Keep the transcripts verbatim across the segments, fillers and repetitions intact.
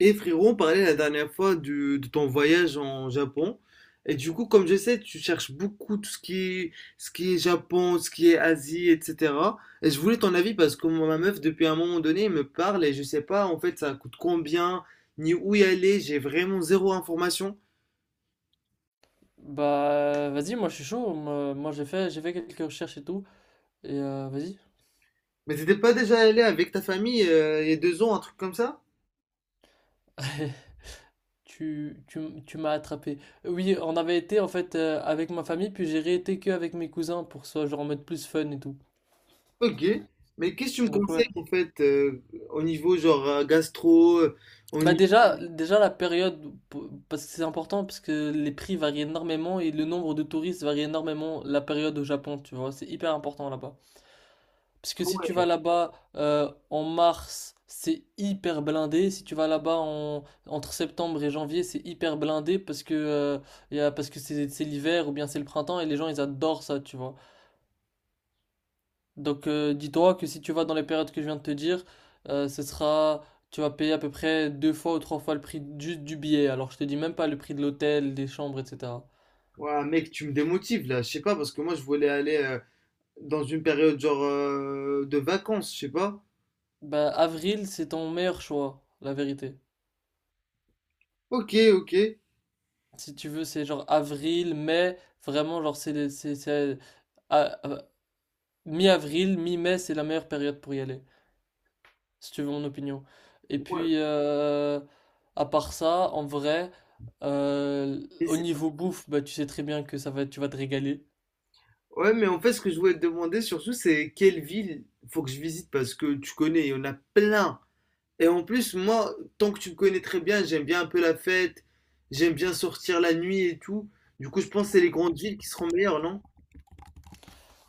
Et frérot, on parlait la dernière fois du- de ton voyage en Japon. Et du coup, comme je sais, tu cherches beaucoup tout ce qui est, ce qui est Japon, ce qui est Asie, et cetera. Et je voulais ton avis parce que moi, ma meuf, depuis un moment donné, elle me parle et je sais pas en fait ça coûte combien, ni où y aller. J'ai vraiment zéro information. Bah, vas-y, moi je suis chaud. Moi, moi, j'ai fait, j'ai fait quelques recherches et tout. Et euh, vas-y. Mais t'étais pas déjà allé avec ta famille euh, il y a deux ans, un truc comme ça? Tu, tu, m- tu m'as attrapé. Oui, on avait été en fait euh, avec ma famille, puis j'ai réété que avec mes cousins pour que ce soit genre en mode plus fun et tout. Ok. Mais qu'est-ce que tu me Donc ouais. conseilles en fait, euh, au niveau genre, euh, gastro, euh, au Bah niveau... déjà, déjà la période, pour- parce que c'est important, parce que les prix varient énormément et le nombre de touristes varie énormément la période au Japon, tu vois. C'est hyper important là-bas. Parce que si tu vas là-bas euh, en mars, c'est hyper blindé. Si tu vas là-bas en, entre septembre et janvier, c'est hyper blindé parce que, euh, y a- parce que c'est c'est l'hiver ou bien c'est le printemps et les gens ils adorent ça, tu vois. Donc euh, dis-toi que si tu vas dans les périodes que je viens de te dire, euh, ce sera, tu vas payer à peu près deux fois ou trois fois le prix juste du billet. Alors je te dis même pas le prix de l'hôtel, des chambres, et cetera. Ouais, mec, tu me démotives là, je sais pas, parce que moi je voulais aller, euh, dans une période genre, euh, de vacances, je sais pas. Bah avril, c'est ton meilleur choix, la vérité. Ok, ok. Si tu veux, c'est genre avril, mai, vraiment, genre, c'est, les- c'est, c'est- à- à- mi-avril, mi-mai, c'est la meilleure période pour y aller, si tu veux mon opinion. Et Ouais. puis, euh, à part ça, en vrai, euh, Et au c'est- niveau bouffe, bah, tu sais très bien que ça va, tu vas te régaler. ouais, mais en fait, ce que je voulais te demander surtout, c'est quelle ville faut que je visite parce que tu connais, il y en a plein. Et en plus, moi, tant que tu me connais très bien, j'aime bien un peu la fête, j'aime bien sortir la nuit et tout. Du coup, je pense que c'est les grandes villes qui seront meilleures, non?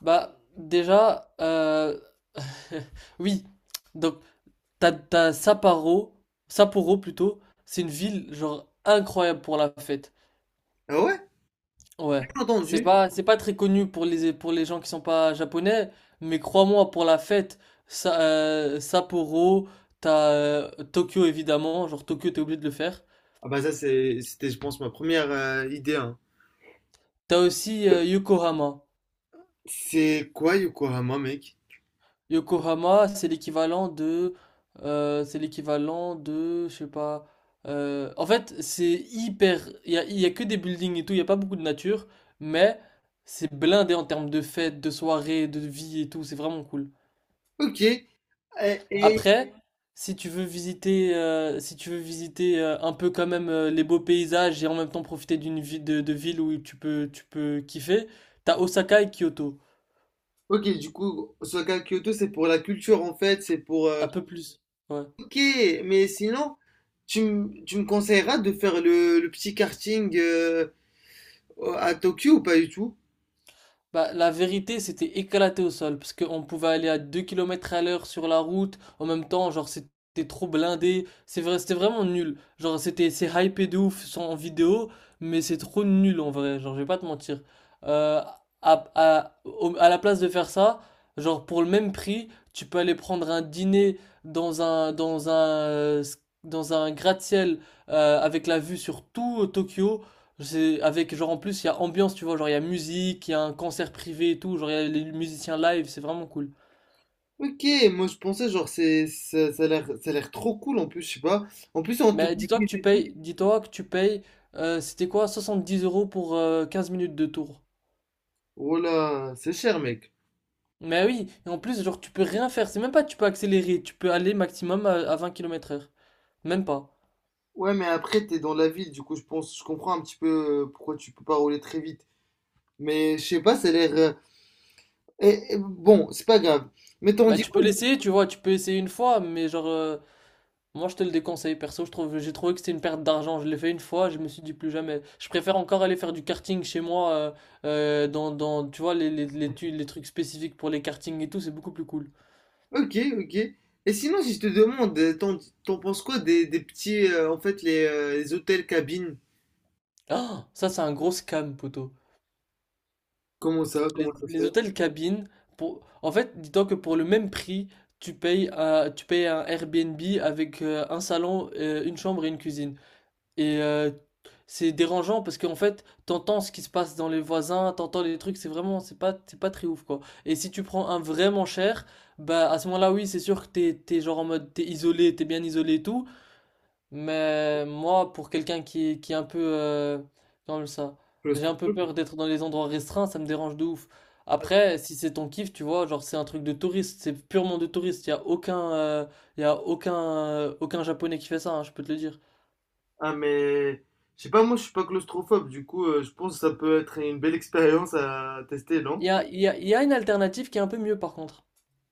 Bah, déjà, euh, oui, donc, t'as, t'as Sapporo, Sapporo plutôt, c'est une ville, genre, incroyable pour la fête. Ah ouais? Ouais, Bien c'est entendu. pas c'est pas très connu pour les pour les gens qui sont pas japonais, mais crois-moi pour la fête, ça, euh, Sapporo, t'as euh, Tokyo évidemment, genre Tokyo t'es obligé de le faire. Ah bah ça, c'est- c'était, je pense, ma première euh, idée, hein. T'as aussi euh, Yokohama. C'est quoi Yokohama, mec? Yokohama, c'est l'équivalent de euh, c'est l'équivalent de je sais pas euh, en fait, c'est hyper il y a, il y a que des buildings et tout, il y a pas beaucoup de nature, mais c'est blindé en termes de fêtes, de soirées, de vie et tout, c'est vraiment cool. Ok. Et, et- Après, si tu veux visiter, euh, si tu veux visiter euh, un peu quand même euh, les beaux paysages et en même temps profiter d'une vie de, de ville où tu peux, tu peux kiffer, t'as Osaka et Kyoto. ok, du coup, Osaka Kyoto, c'est pour la culture en fait, c'est pour. Euh. Un peu plus. Ouais. Ok, mais sinon, tu, m- tu me conseilleras de faire le, le petit karting euh, à Tokyo ou pas du tout? Bah, la vérité, c'était éclaté au sol, parce qu'on pouvait aller à deux kilomètres à l'heure sur la route, en même temps, genre, c'était trop blindé, c'est vrai, c'était vraiment nul. Genre, c'était, c'est hypé de ouf sans- en vidéo, mais c'est trop nul en vrai, genre, je vais pas te mentir. Euh, à, à, au- à la place de faire ça, genre, pour le même prix, tu peux aller prendre un dîner dans un, dans un, euh, s- dans un gratte-ciel, euh, avec la vue sur tout euh, Tokyo, c'est avec genre en plus il y a ambiance, tu vois, genre il y a musique, il y a un concert privé et tout, genre il y a les musiciens live, c'est vraiment cool. Ok, moi je pensais genre c'est ça, ça a l'air ça a l'air trop cool en plus, je sais pas. En plus on te Mais dit dis-toi que tu que- payes, dis-toi que tu payes, euh, c'était quoi, soixante-dix euros pour euh, quinze minutes de tour. Oh là, c'est cher mec. Mais oui, et en plus genre tu peux rien faire, c'est même pas que tu peux accélérer, tu peux aller maximum à, à vingt kilomètres à l'heure, même pas. Ouais, mais après t'es dans la ville, du coup je pense je comprends un petit peu, euh, pourquoi tu peux pas rouler très vite. Mais je sais pas, ça a l'air, euh, eh, eh, bon, c'est pas grave. Mais t'en Bah dis tu quoi. peux l'essayer, tu vois, tu peux essayer une fois, mais genre euh, moi, je te le déconseille, perso. Je trouve, j'ai trouvé que c'était une perte d'argent. Je l'ai fait une fois, je me suis dit plus jamais. Je préfère encore aller faire du karting chez moi, euh, euh, dans, dans, tu vois, les, les, les, tu- les trucs spécifiques pour les kartings et tout, c'est beaucoup plus cool. Ok, ok. Et sinon, si je te demande, euh, t'en t'en penses quoi des, des petits, euh, en fait, les, euh, les hôtels cabines? Ah, ça, c'est un gros scam, poteau. Comment ça, Les, comment ça se les fait? hôtels cabines, pour... en fait, dis-toi que pour le même prix, tu payes, euh, tu payes un Airbnb avec euh, un salon, euh, une chambre et une cuisine. Et euh, c'est dérangeant parce qu'en fait, t'entends ce qui se passe dans les voisins, t'entends les trucs, c'est vraiment, c'est pas, c'est pas très ouf quoi. Et si tu prends un vraiment cher, bah à ce moment-là, oui, c'est sûr que t'es, t'es genre en mode, t'es isolé, t'es bien isolé et tout. Mais moi, pour quelqu'un qui, est- qui est un peu, euh, comme ça, j'ai un peu Claustrophobe? peur d'être dans les endroits restreints, ça me dérange de ouf. Après, si c'est ton kiff, tu vois, genre c'est un truc de touriste, c'est purement de touriste, y a aucun, euh, y a aucun, euh, aucun japonais qui fait ça, hein, je peux te le dire. Ah, mais je sais pas, moi je suis pas claustrophobe, du coup, euh, je pense que ça peut être une belle expérience à tester, Il non? y a, il y a- il y a une alternative qui est un peu mieux par contre.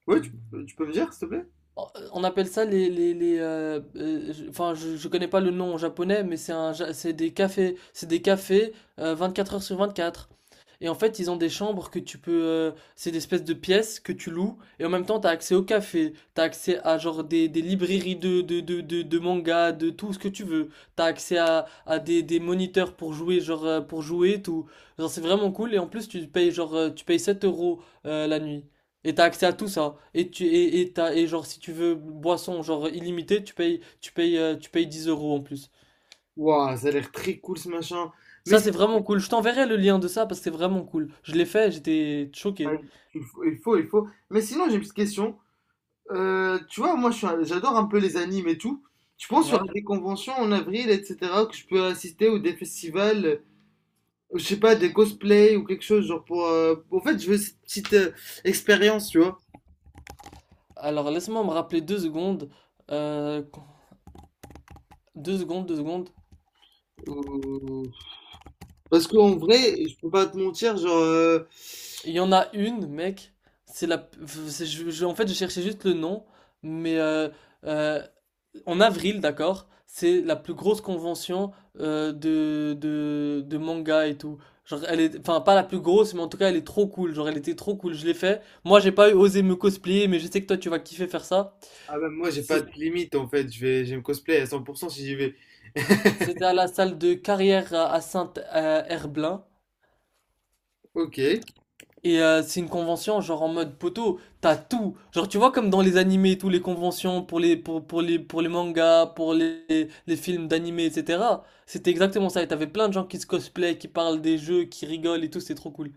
Ouais, tu, tu peux me dire, s'il te plaît? Oh, euh, On appelle ça les, les, les euh, euh, je- enfin je, je connais pas le nom en japonais, mais c'est un ja- c'est des cafés c'est des cafés euh, vingt-quatre heures sur vingt-quatre. Et en fait, ils ont des chambres que tu peux euh, c'est des espèces de pièces que tu loues et en même temps tu as accès au café, tu as accès à genre des, des librairies de de de de, de manga, de tout ce que tu veux. Tu as accès à, à des, des moniteurs pour jouer genre euh, pour jouer tout. Genre c'est vraiment cool et en plus tu payes genre euh, tu payes sept euros euh, la nuit. Et t'as accès à tout ça. Et tu et, et t'as- et genre si tu veux boisson genre illimitée, tu payes tu payes euh, tu payes dix euros en plus. Waouh, ça a l'air très cool ce machin. Mais Ça c'est- c'est vraiment cool. Je t'enverrai le lien de ça parce que c'est vraiment cool. Je l'ai fait, j'étais choqué. il faut, il faut, il faut. Mais sinon, j'ai une petite question. Euh, tu vois, moi, je suis un- j'adore un peu les animes et tout. Tu penses qu'il y aura Ouais. des conventions en avril, et cetera, que je peux assister ou des festivals, euh, je sais pas, des cosplays ou quelque chose, genre pour. Euh. En fait, je veux cette petite euh, expérience, tu vois. Alors laisse-moi me rappeler deux secondes. Euh, deux secondes, deux secondes. Euh. Parce qu'en vrai, je peux pas te mentir, genre. Euh. Il y en a une, mec. C'est la. C'est- je- je- En fait, je cherchais juste le nom, mais euh, euh, en avril, d'accord, c'est la plus grosse convention euh, de, de, de manga et tout. Genre, elle est, enfin, pas la plus grosse, mais en tout cas, elle est trop cool. Genre, elle était trop cool, je l'ai fait. Moi, j'ai pas osé me cosplayer, mais je sais que toi, tu vas kiffer faire ça. Ah bah, moi, j'ai pas C'est- de limite en fait, je vais, je vais me cosplayer à cent pour cent si j'y vais. C'était à la salle de carrière à à Saint-Herblain. Ok. Et euh, c'est une convention genre en mode poteau, t'as tout. Genre tu vois comme dans les animés, tous les conventions pour les pour, pour les pour les mangas, pour les, les films d'animés, et cetera. C'était exactement ça. Et t'avais plein de gens qui se cosplay, qui parlent des jeux, qui rigolent et tout, c'est trop cool.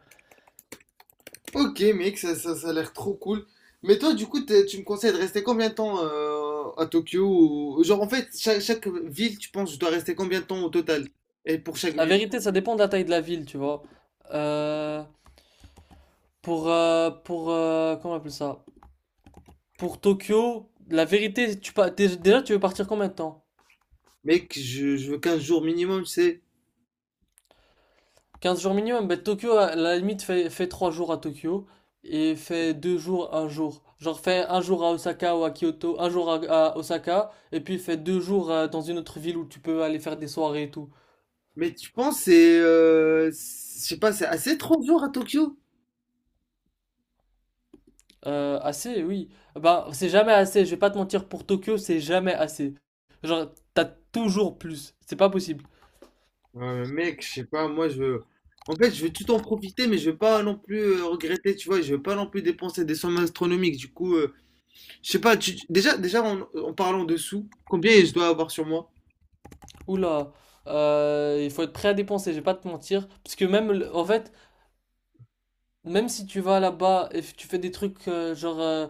Ok, mec, ça, ça, ça a l'air trop cool. Mais toi, du coup, t'es- tu me conseilles de rester combien de temps euh, à Tokyo ou- Genre, en fait, chaque, chaque ville, tu penses, je dois rester combien de temps au total? Et pour chaque La ville? vérité, ça dépend de la taille de la ville, tu vois. Euh, pour euh, pour euh, comment on appelle ça? Pour Tokyo, la vérité, tu pas déjà tu veux partir combien de temps? Mec, je, je veux quinze jours minimum, tu sais. Quinze jours minimum, bah, Tokyo, à la limite, fait, fait trois jours à Tokyo et fait deux jours, un jour. Genre, fait un jour à Osaka ou à Kyoto, un jour à, à Osaka, et puis fait deux jours euh, dans une autre ville où tu peux aller faire des soirées et tout. Mais tu penses, c'est. euh, c'est- je sais pas, c'est assez trente jours à Tokyo? Euh, assez, oui. Bah, c'est jamais assez, je vais pas te mentir, pour Tokyo, c'est jamais assez. Genre, t'as toujours plus, c'est pas possible. Ouais, mais mec, je sais pas, moi, je veux. En fait, je veux tout en profiter, mais je veux pas non plus, euh, regretter, tu vois. Je veux pas non plus dépenser des sommes astronomiques. Du coup, euh, je sais pas, tu- tu- déjà, déjà en, en parlant de sous, combien je dois avoir sur moi? Oula, euh, il faut être prêt à dépenser, je vais pas te mentir, parce que même, le- en fait, même si tu vas là-bas et f- tu fais des trucs euh, genre. euh,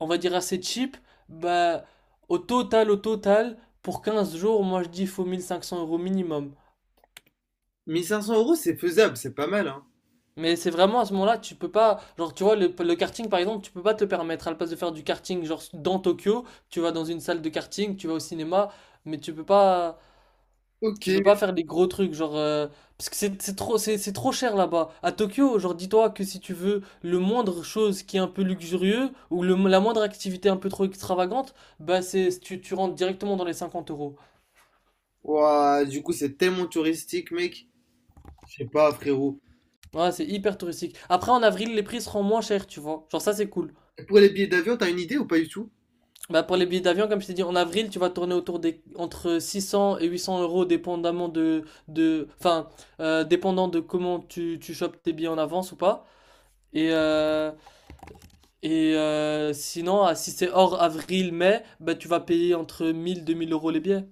on va dire assez cheap, bah, au total, au total, pour quinze jours, moi je dis il faut mille cinq cents euros minimum. Mille cinq cents euros, c'est faisable, c'est pas mal, hein. Mais c'est vraiment à ce moment-là, tu peux pas, genre tu vois, le, le karting par exemple, tu peux pas te le permettre, à la place de faire du karting, genre dans Tokyo, tu vas dans une salle de karting, tu vas au cinéma, mais tu peux pas, Ok. tu peux pas faire des gros trucs, genre, euh, parce que c'est c'est trop, c'est c'est trop cher là-bas. À Tokyo, genre dis-toi que si tu veux le moindre chose qui est un peu luxurieux, ou le, la moindre activité un peu trop extravagante, bah c'est, tu, tu rentres directement dans les cinquante euros. Ouah, du coup, c'est tellement touristique, mec. Je sais pas, frérot. Ouais, c'est hyper touristique. Après, en avril, les prix seront moins chers, tu vois. Genre, ça, c'est cool. Et pour les billets d'avion, t'as une idée ou pas du tout? Bah, pour les billets d'avion, comme je t'ai dit, en avril, tu vas tourner autour des entre six cents et huit cents euros, dépendamment de, de, enfin, euh, dépendant de comment tu, tu chopes tes billets en avance ou pas. Et, euh, et euh, sinon, ah, si c'est hors avril, mai, bah, tu vas payer entre mille deux mille euros les billets.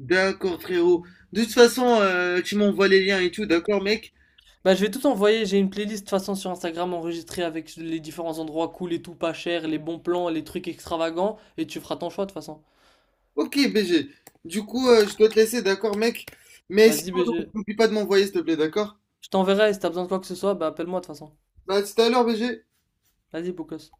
D'accord, frérot. De toute façon, euh, tu m'envoies les liens et tout, d'accord, mec? Bah, je vais tout envoyer. J'ai une playlist, de toute façon, sur Instagram enregistrée avec les différents endroits cool et tout pas cher, les bons plans, les trucs extravagants, et tu feras ton choix, de toute façon. Ok, B G. Du coup, euh, je dois te laisser, d'accord, mec? Mais sinon, Vas-y, B G. n'oublie pas de m'envoyer, s'il te plaît, d'accord? Je t'enverrai, si t'as besoin de quoi que ce soit, bah appelle-moi de toute façon. Bah, à tout à l'heure, B G. Vas-y, beau gosse.